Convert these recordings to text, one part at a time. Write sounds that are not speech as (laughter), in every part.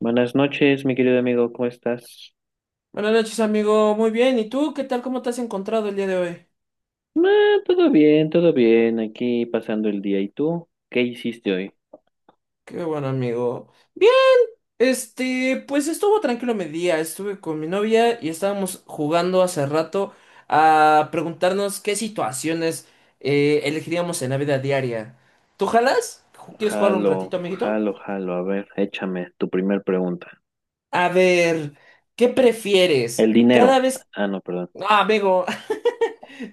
Buenas noches, mi querido amigo, ¿cómo estás? Buenas noches, amigo. Muy bien. ¿Y tú qué tal? ¿Cómo te has encontrado el día de hoy? Ah, todo bien, aquí pasando el día. ¿Y tú? ¿Qué hiciste hoy? Qué bueno, amigo. Bien. Este, pues estuvo tranquilo mi día. Estuve con mi novia y estábamos jugando hace rato a preguntarnos qué situaciones elegiríamos en la vida diaria. ¿Tú jalas? ¿Quieres jugar un Jalo, ratito, amiguito? jalo, jalo. A ver, échame tu primer pregunta. A ver, ¿qué prefieres? El Cada dinero. vez... Ah, no, perdón. Ah, amigo. (laughs)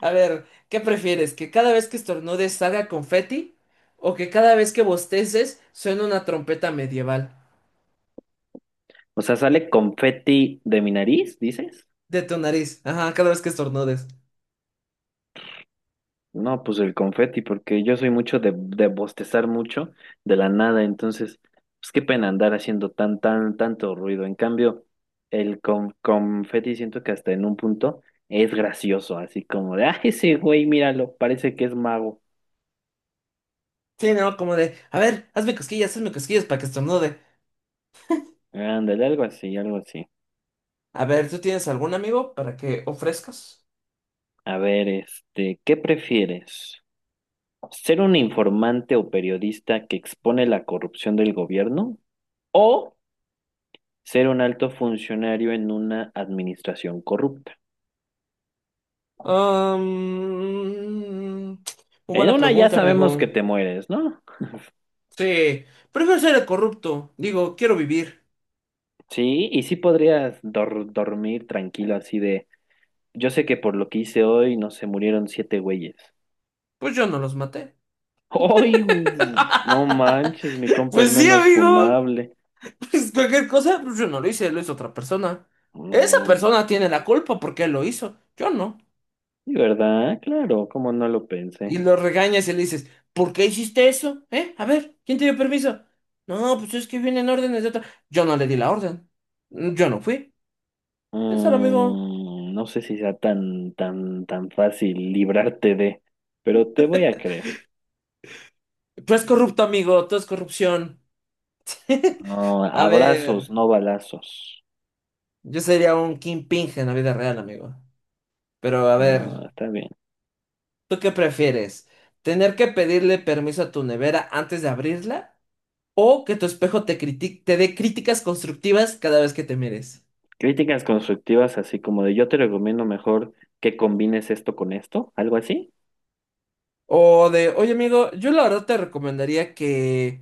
A ver, ¿qué prefieres? ¿Que cada vez que estornudes salga confeti? ¿O que cada vez que bosteces suene una trompeta medieval? O sea, ¿sale confeti de mi nariz, dices? De tu nariz, ajá, cada vez que estornudes. No, pues el confeti, porque yo soy mucho de bostezar mucho de la nada, entonces, pues qué pena andar haciendo tan, tan, tanto ruido. En cambio, el confeti siento que hasta en un punto es gracioso, así como de, ah, ese güey, míralo, parece que es mago. Sí, ¿no? Como de, a ver, hazme cosquillas para que estornude. Ándale, algo así, algo así. A ver, ¿tú tienes algún amigo para que ofrezcas? A ver, ¿qué prefieres? ¿Ser un informante o periodista que expone la corrupción del gobierno? ¿O ser un alto funcionario en una administración corrupta? Um, muy En buena una ya pregunta, sabemos que amigo. te mueres, ¿no? Sí, prefiero ser el corrupto. Digo, quiero vivir. Sí, y sí podrías dormir tranquilo así de, yo sé que por lo que hice hoy no se murieron siete güeyes. Pues yo no los maté. ¡Ay! (laughs) ¡Güey! No manches, mi compa el Pues sí, menos amigo. funable. Pues cualquier cosa, pues yo no lo hice, lo hizo otra persona. Esa Mm, persona tiene la culpa porque él lo hizo, yo no. ¿y verdad? Claro, como no lo pensé. Y lo regañas y le dices, ¿por qué hiciste eso? ¿Eh? A ver, ¿quién te dio permiso? No, pues es que vienen órdenes de otra. Yo no le di la orden. Yo no fui. Piénsalo, amigo. No sé si sea tan, tan, tan fácil librarte de, pero te voy a creer. Tú eres corrupto, amigo. Tú es corrupción. (laughs) No, A ver, abrazos, no balazos. yo sería un kingpin en la vida real, amigo. Pero a ver, No, está bien. ¿tú qué prefieres? ¿Tener que pedirle permiso a tu nevera antes de abrirla? O que tu espejo te critique, te dé críticas constructivas cada vez que te mires. Críticas constructivas, así como de yo te recomiendo mejor que combines esto con esto, algo así. O de, oye amigo, yo la verdad te recomendaría que,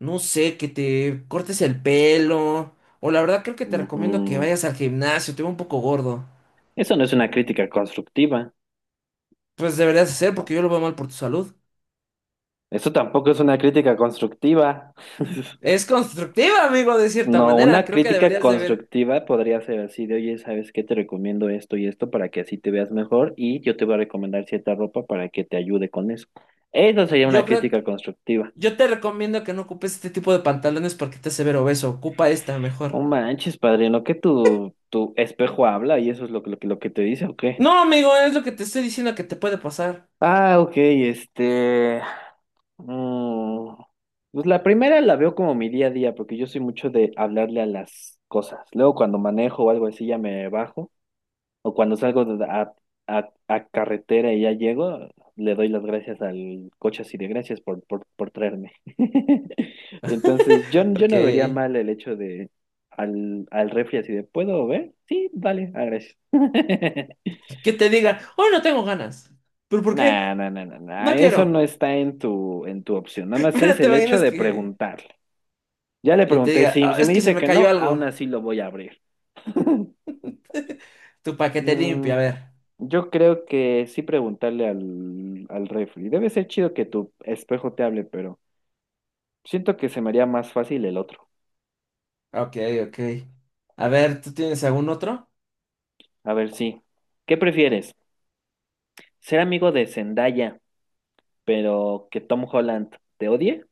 no sé, que te cortes el pelo. O la verdad creo que te recomiendo que Ujú. vayas al gimnasio, te veo un poco gordo. Eso no es una crítica constructiva. Pues deberías hacer porque yo lo veo mal por tu salud. Eso tampoco es una crítica constructiva. (laughs) Es constructiva, amigo, de cierta No, manera. una Creo que crítica deberías de ver. constructiva podría ser así de, oye, ¿sabes qué? Te recomiendo esto y esto para que así te veas mejor y yo te voy a recomendar cierta ropa para que te ayude con eso. Eso sería una Yo creo, crítica constructiva. yo te recomiendo que no ocupes este tipo de pantalones porque te hace ver obeso. Ocupa esta No mejor. manches, padrino, que tu espejo habla y eso es lo que te dice, ¿o qué? No, amigo, es lo que te estoy diciendo que te puede pasar. Ah, ok, este... mm, pues la primera la veo como mi día a día, porque yo soy mucho de hablarle a las cosas. Luego cuando manejo o algo así ya me bajo, o cuando salgo a, a carretera y ya llego, le doy las gracias al coche así de gracias por traerme. (laughs) Entonces yo Ok. no vería mal el hecho de al refri así de, ¿puedo ver? Sí, vale, ah, gracias. (laughs) Que te digan, hoy no tengo ganas. ¿Pero por qué? Nah, nah, nah, nah, nah, No eso no quiero. está en en tu opción. Nada (laughs) más es Pero te el hecho imaginas de que... preguntarle. Ya le Y te pregunté, diga, "Ah, si es me que se dice me que cayó no, aún algo. así lo voy a abrir. (laughs) Tu paquete limpio, Mm, a ver. yo creo que sí preguntarle al refri. Debe ser chido que tu espejo te hable, pero siento que se me haría más fácil el otro. Ok, ok. A ver, ¿tú tienes algún otro? A ver, sí. ¿Qué prefieres? ¿Ser amigo de Zendaya, pero que Tom Holland te odie?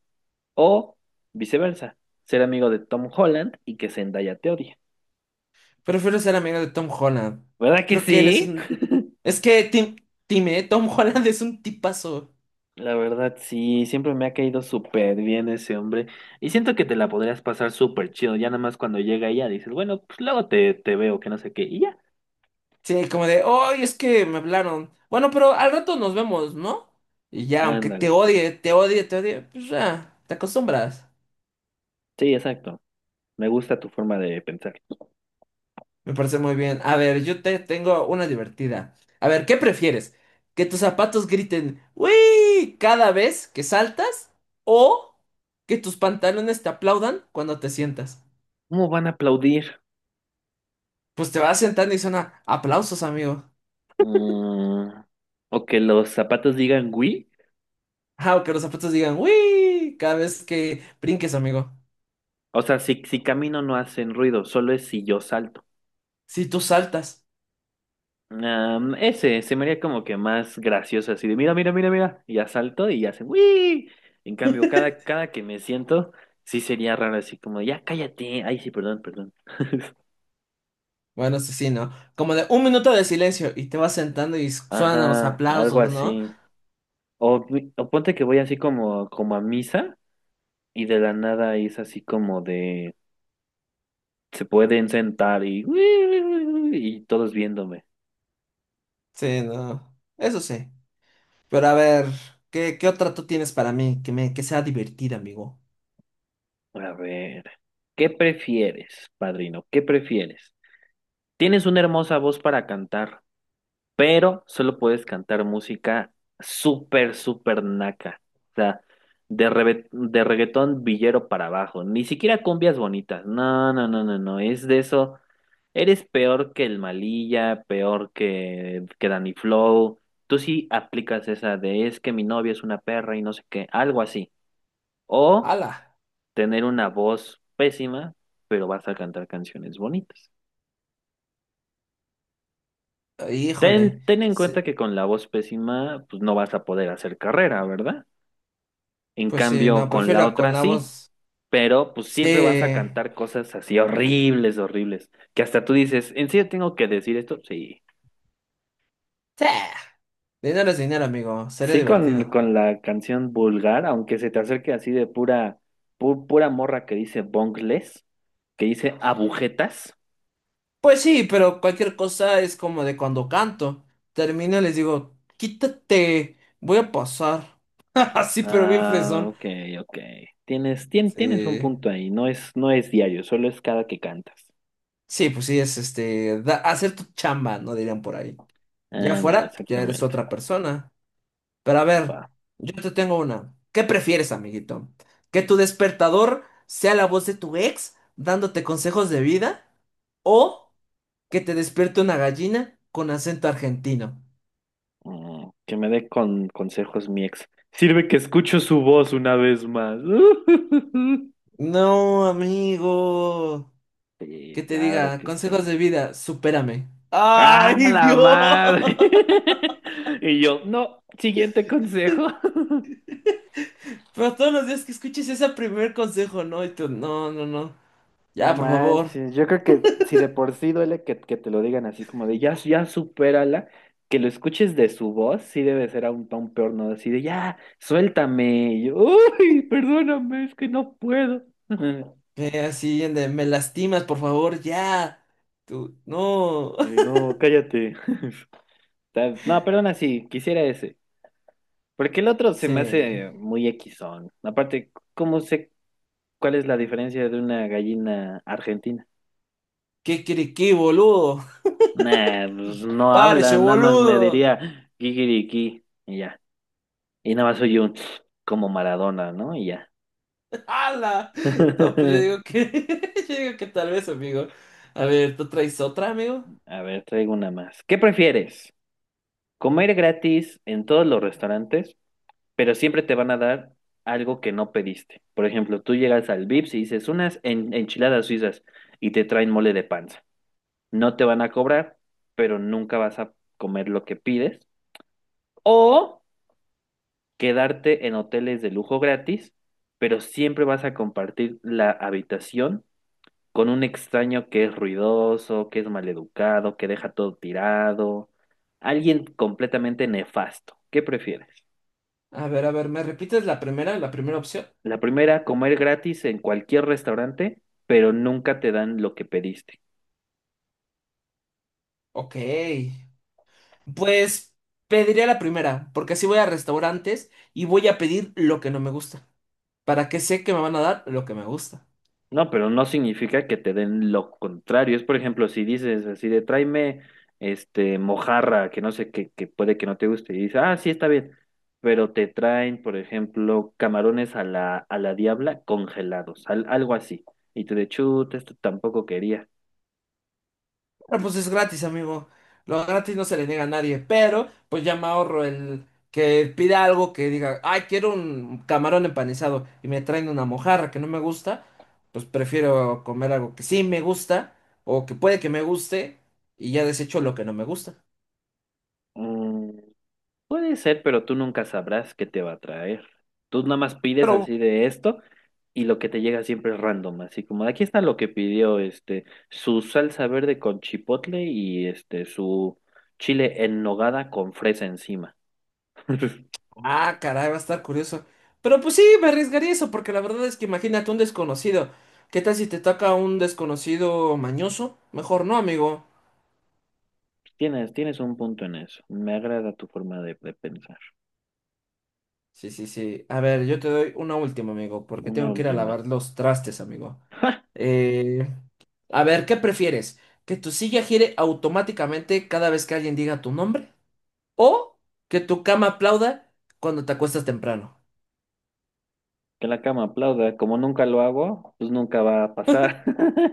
¿O viceversa? ¿Ser amigo de Tom Holland y que Zendaya te odie? Prefiero ser amigo de Tom Holland. ¿Verdad que Creo que él es sí? un... Es que Tom Holland (laughs) es un tipazo. La verdad, sí, siempre me ha caído súper bien ese hombre. Y siento que te la podrías pasar súper chido. Ya nada más cuando llega ella dices, bueno, pues luego te veo, que no sé qué. Y ya, Sí, como de, hoy es que me hablaron. Bueno, pero al rato nos vemos, ¿no? Y ya, aunque te ándale. odie, te odie, te odie, pues ya, te acostumbras. Sí, exacto. Me gusta tu forma de pensar. Me parece muy bien. A ver, yo te tengo una divertida. A ver, ¿qué prefieres? ¿Que tus zapatos griten ¡Uy! Cada vez que saltas o que tus pantalones te aplaudan cuando te sientas? ¿Cómo van a aplaudir? Pues te vas sentando y suena aplausos, amigo. Mm, o que los zapatos digan, oui. Ah, o que los zapatos digan ¡Uy! Cada vez que brinques, amigo. O sea, si camino no hacen ruido, solo es si yo salto. Si tú saltas. Am, ese se me haría como que más gracioso, así de mira, mira, mira, mira, y ya salto y ya se ¡Wii! En cambio, cada, cada que me siento, sí sería raro, así como ya cállate, ay, sí, perdón, perdón. (laughs) Bueno, eso sí, ¿no? Como de un minuto de silencio y te vas sentando y suenan los Ajá, algo aplausos, ¿no? así. O, o ponte que voy así como, como a misa y de la nada es así como de se pueden sentar y, uy y todos viéndome. Sí, no. Eso sí. Pero a ver, ¿qué, qué otra tú tienes para mí que me que sea divertida, amigo? A ver, ¿qué prefieres, padrino? ¿Qué prefieres? Tienes una hermosa voz para cantar pero solo puedes cantar música súper, súper naca. O sea, de, de reggaetón villero para abajo. Ni siquiera cumbias bonitas. No, no, no, no, no. Es de eso. Eres peor que el Malilla, peor que Danny Flow. Tú sí aplicas esa de es que mi novia es una perra y no sé qué, algo así. O ¡Hala! tener una voz pésima, pero vas a cantar canciones bonitas. Ten, Híjole. ten en cuenta Sí, que con la voz pésima, pues no vas a poder hacer carrera, ¿verdad? En pues sí, cambio, no, con la prefiero con otra la sí, voz. pero pues Sí. siempre vas a cantar cosas así horribles, horribles, que hasta tú dices, ¿en serio tengo que decir esto? Sí. Sí. Dinero es dinero, amigo. Sería Sí, divertido. con la canción vulgar, aunque se te acerque así de pura, pura morra que dice bongles, que dice agujetas. Pues sí, pero cualquier cosa es como de cuando canto. Termino y les digo, quítate, voy a pasar. (laughs) Así, pero bien Ah, fresón. ok, ok. Tienes un Sí. punto ahí, no es diario, solo es cada que cantas. Sí, pues sí, es este, hacer tu chamba, no dirían por ahí. Ya Ándale, afuera, ya eres exactamente. otra persona. Pero a ver, Va. yo te tengo una. ¿Qué prefieres, amiguito? ¿Que tu despertador sea la voz de tu ex dándote consejos de vida? ¿O que te despierte una gallina con acento argentino? Mm, que me dé con consejos mi ex. Sirve que escucho su voz una vez más. (laughs) No, amigo. Que Sí, te claro diga, que consejos sí. de vida, supérame. ¡Ah, ¡Ay, la Dios! (laughs) madre! (laughs) Y yo, no, siguiente consejo. (laughs) Pero todos los días que escuches ese primer consejo, ¿no? Y tú, no, no, no. No Ya, por favor. manches, yo creo que si de por sí duele que te lo digan así como de ya, ya supérala, que lo escuches de su voz, sí debe ser aún tan peor, ¿no? Así de ya, suéltame. Y yo, uy, perdóname, es que no puedo. (laughs) Ve así, ande, me lastimas, por favor, ya. Tú, no. Y (laughs) no, cállate. (laughs) No, perdona, sí, quisiera ese. Porque el otro se me Sí. hace muy equisón. Aparte, ¿cómo sé cuál es la diferencia de una gallina argentina? ¿Qué crees qué, boludo? Nah, pues no ¡Párese, habla, nada más me boludo! diría kikiriki y ya. Y nada más soy un (sniffs) como Maradona, ¿no? Y ya. (laughs) ¡Hala! No, pues yo (laughs) digo que, (laughs) yo digo que tal vez, amigo. A ver, ¿tú traes otra, amigo? A ver, traigo una más. ¿Qué prefieres? ¿Comer gratis en todos los restaurantes pero siempre te van a dar algo que no pediste? Por ejemplo, tú llegas al Vips y dices unas enchiladas suizas y te traen mole de panza. No te van a cobrar, pero nunca vas a comer lo que pides. O quedarte en hoteles de lujo gratis, pero siempre vas a compartir la habitación con un extraño que es ruidoso, que es maleducado, que deja todo tirado, alguien completamente nefasto. ¿Qué prefieres? A ver, ¿me repites la primera opción? La primera, comer gratis en cualquier restaurante, pero nunca te dan lo que pediste. Ok. Pues pediría la primera, porque así voy a restaurantes y voy a pedir lo que no me gusta, para que sé que me van a dar lo que me gusta. No, pero no significa que te den lo contrario. Es, por ejemplo, si dices así de tráeme este mojarra, que no sé qué, que puede que no te guste, y dices, ah, sí, está bien, pero te traen, por ejemplo, camarones a a la diabla congelados, algo así. Y tú de chuta, esto tampoco quería. Ah, pues es gratis, amigo. Lo gratis no se le niega a nadie, pero pues ya me ahorro el que pida algo que diga, ay, quiero un camarón empanizado y me traen una mojarra que no me gusta, pues prefiero comer algo que sí me gusta o que puede que me guste y ya desecho lo que no me gusta. Mm, puede ser, pero tú nunca sabrás qué te va a traer. Tú nada más pides Pero, así de esto y lo que te llega siempre es random, así como aquí está lo que pidió este su salsa verde con chipotle y este su chile en nogada con fresa encima. (laughs) ah, caray, va a estar curioso. Pero pues sí, me arriesgaría eso porque la verdad es que imagínate un desconocido. ¿Qué tal si te toca un desconocido mañoso? Mejor no, amigo. Tienes un punto en eso. Me agrada tu forma de pensar. Sí, sí, sí. A ver, yo te doy una última, amigo, porque Una tengo que ir a última. lavar los trastes, amigo. ¡Ja! Eh, a ver, ¿qué prefieres? ¿Que tu silla gire automáticamente cada vez que alguien diga tu nombre? ¿O que tu cama aplauda cuando te acuestas temprano? Que la cama aplauda. Como nunca lo hago, pues nunca va a pasar.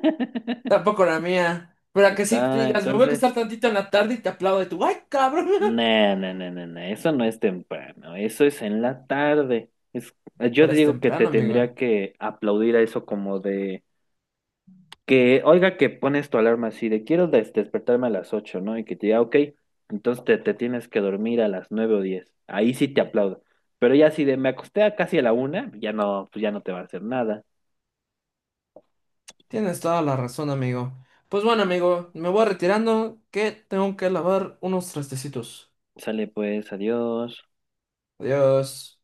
(laughs) Tampoco la mía. Pero Ahí a que sí te está, digas, me voy a entonces. acostar tantito en la tarde y te aplaudo y tú, ¡ay, cabrón! No, no, no, no, no, eso no es temprano, eso es en la tarde. Es, (laughs) yo Pero es digo que te temprano, amigo. tendría que aplaudir a eso como de que, oiga, que pones tu alarma así de quiero despertarme a las 8, ¿no? Y que te diga, ok, entonces te tienes que dormir a las 9 o 10. Ahí sí te aplaudo. Pero ya si de me acosté a casi a la una, ya no, pues ya no te va a hacer nada. Tienes toda la razón, amigo. Pues bueno, amigo, me voy retirando que tengo que lavar unos trastecitos. Sale pues, adiós. Adiós.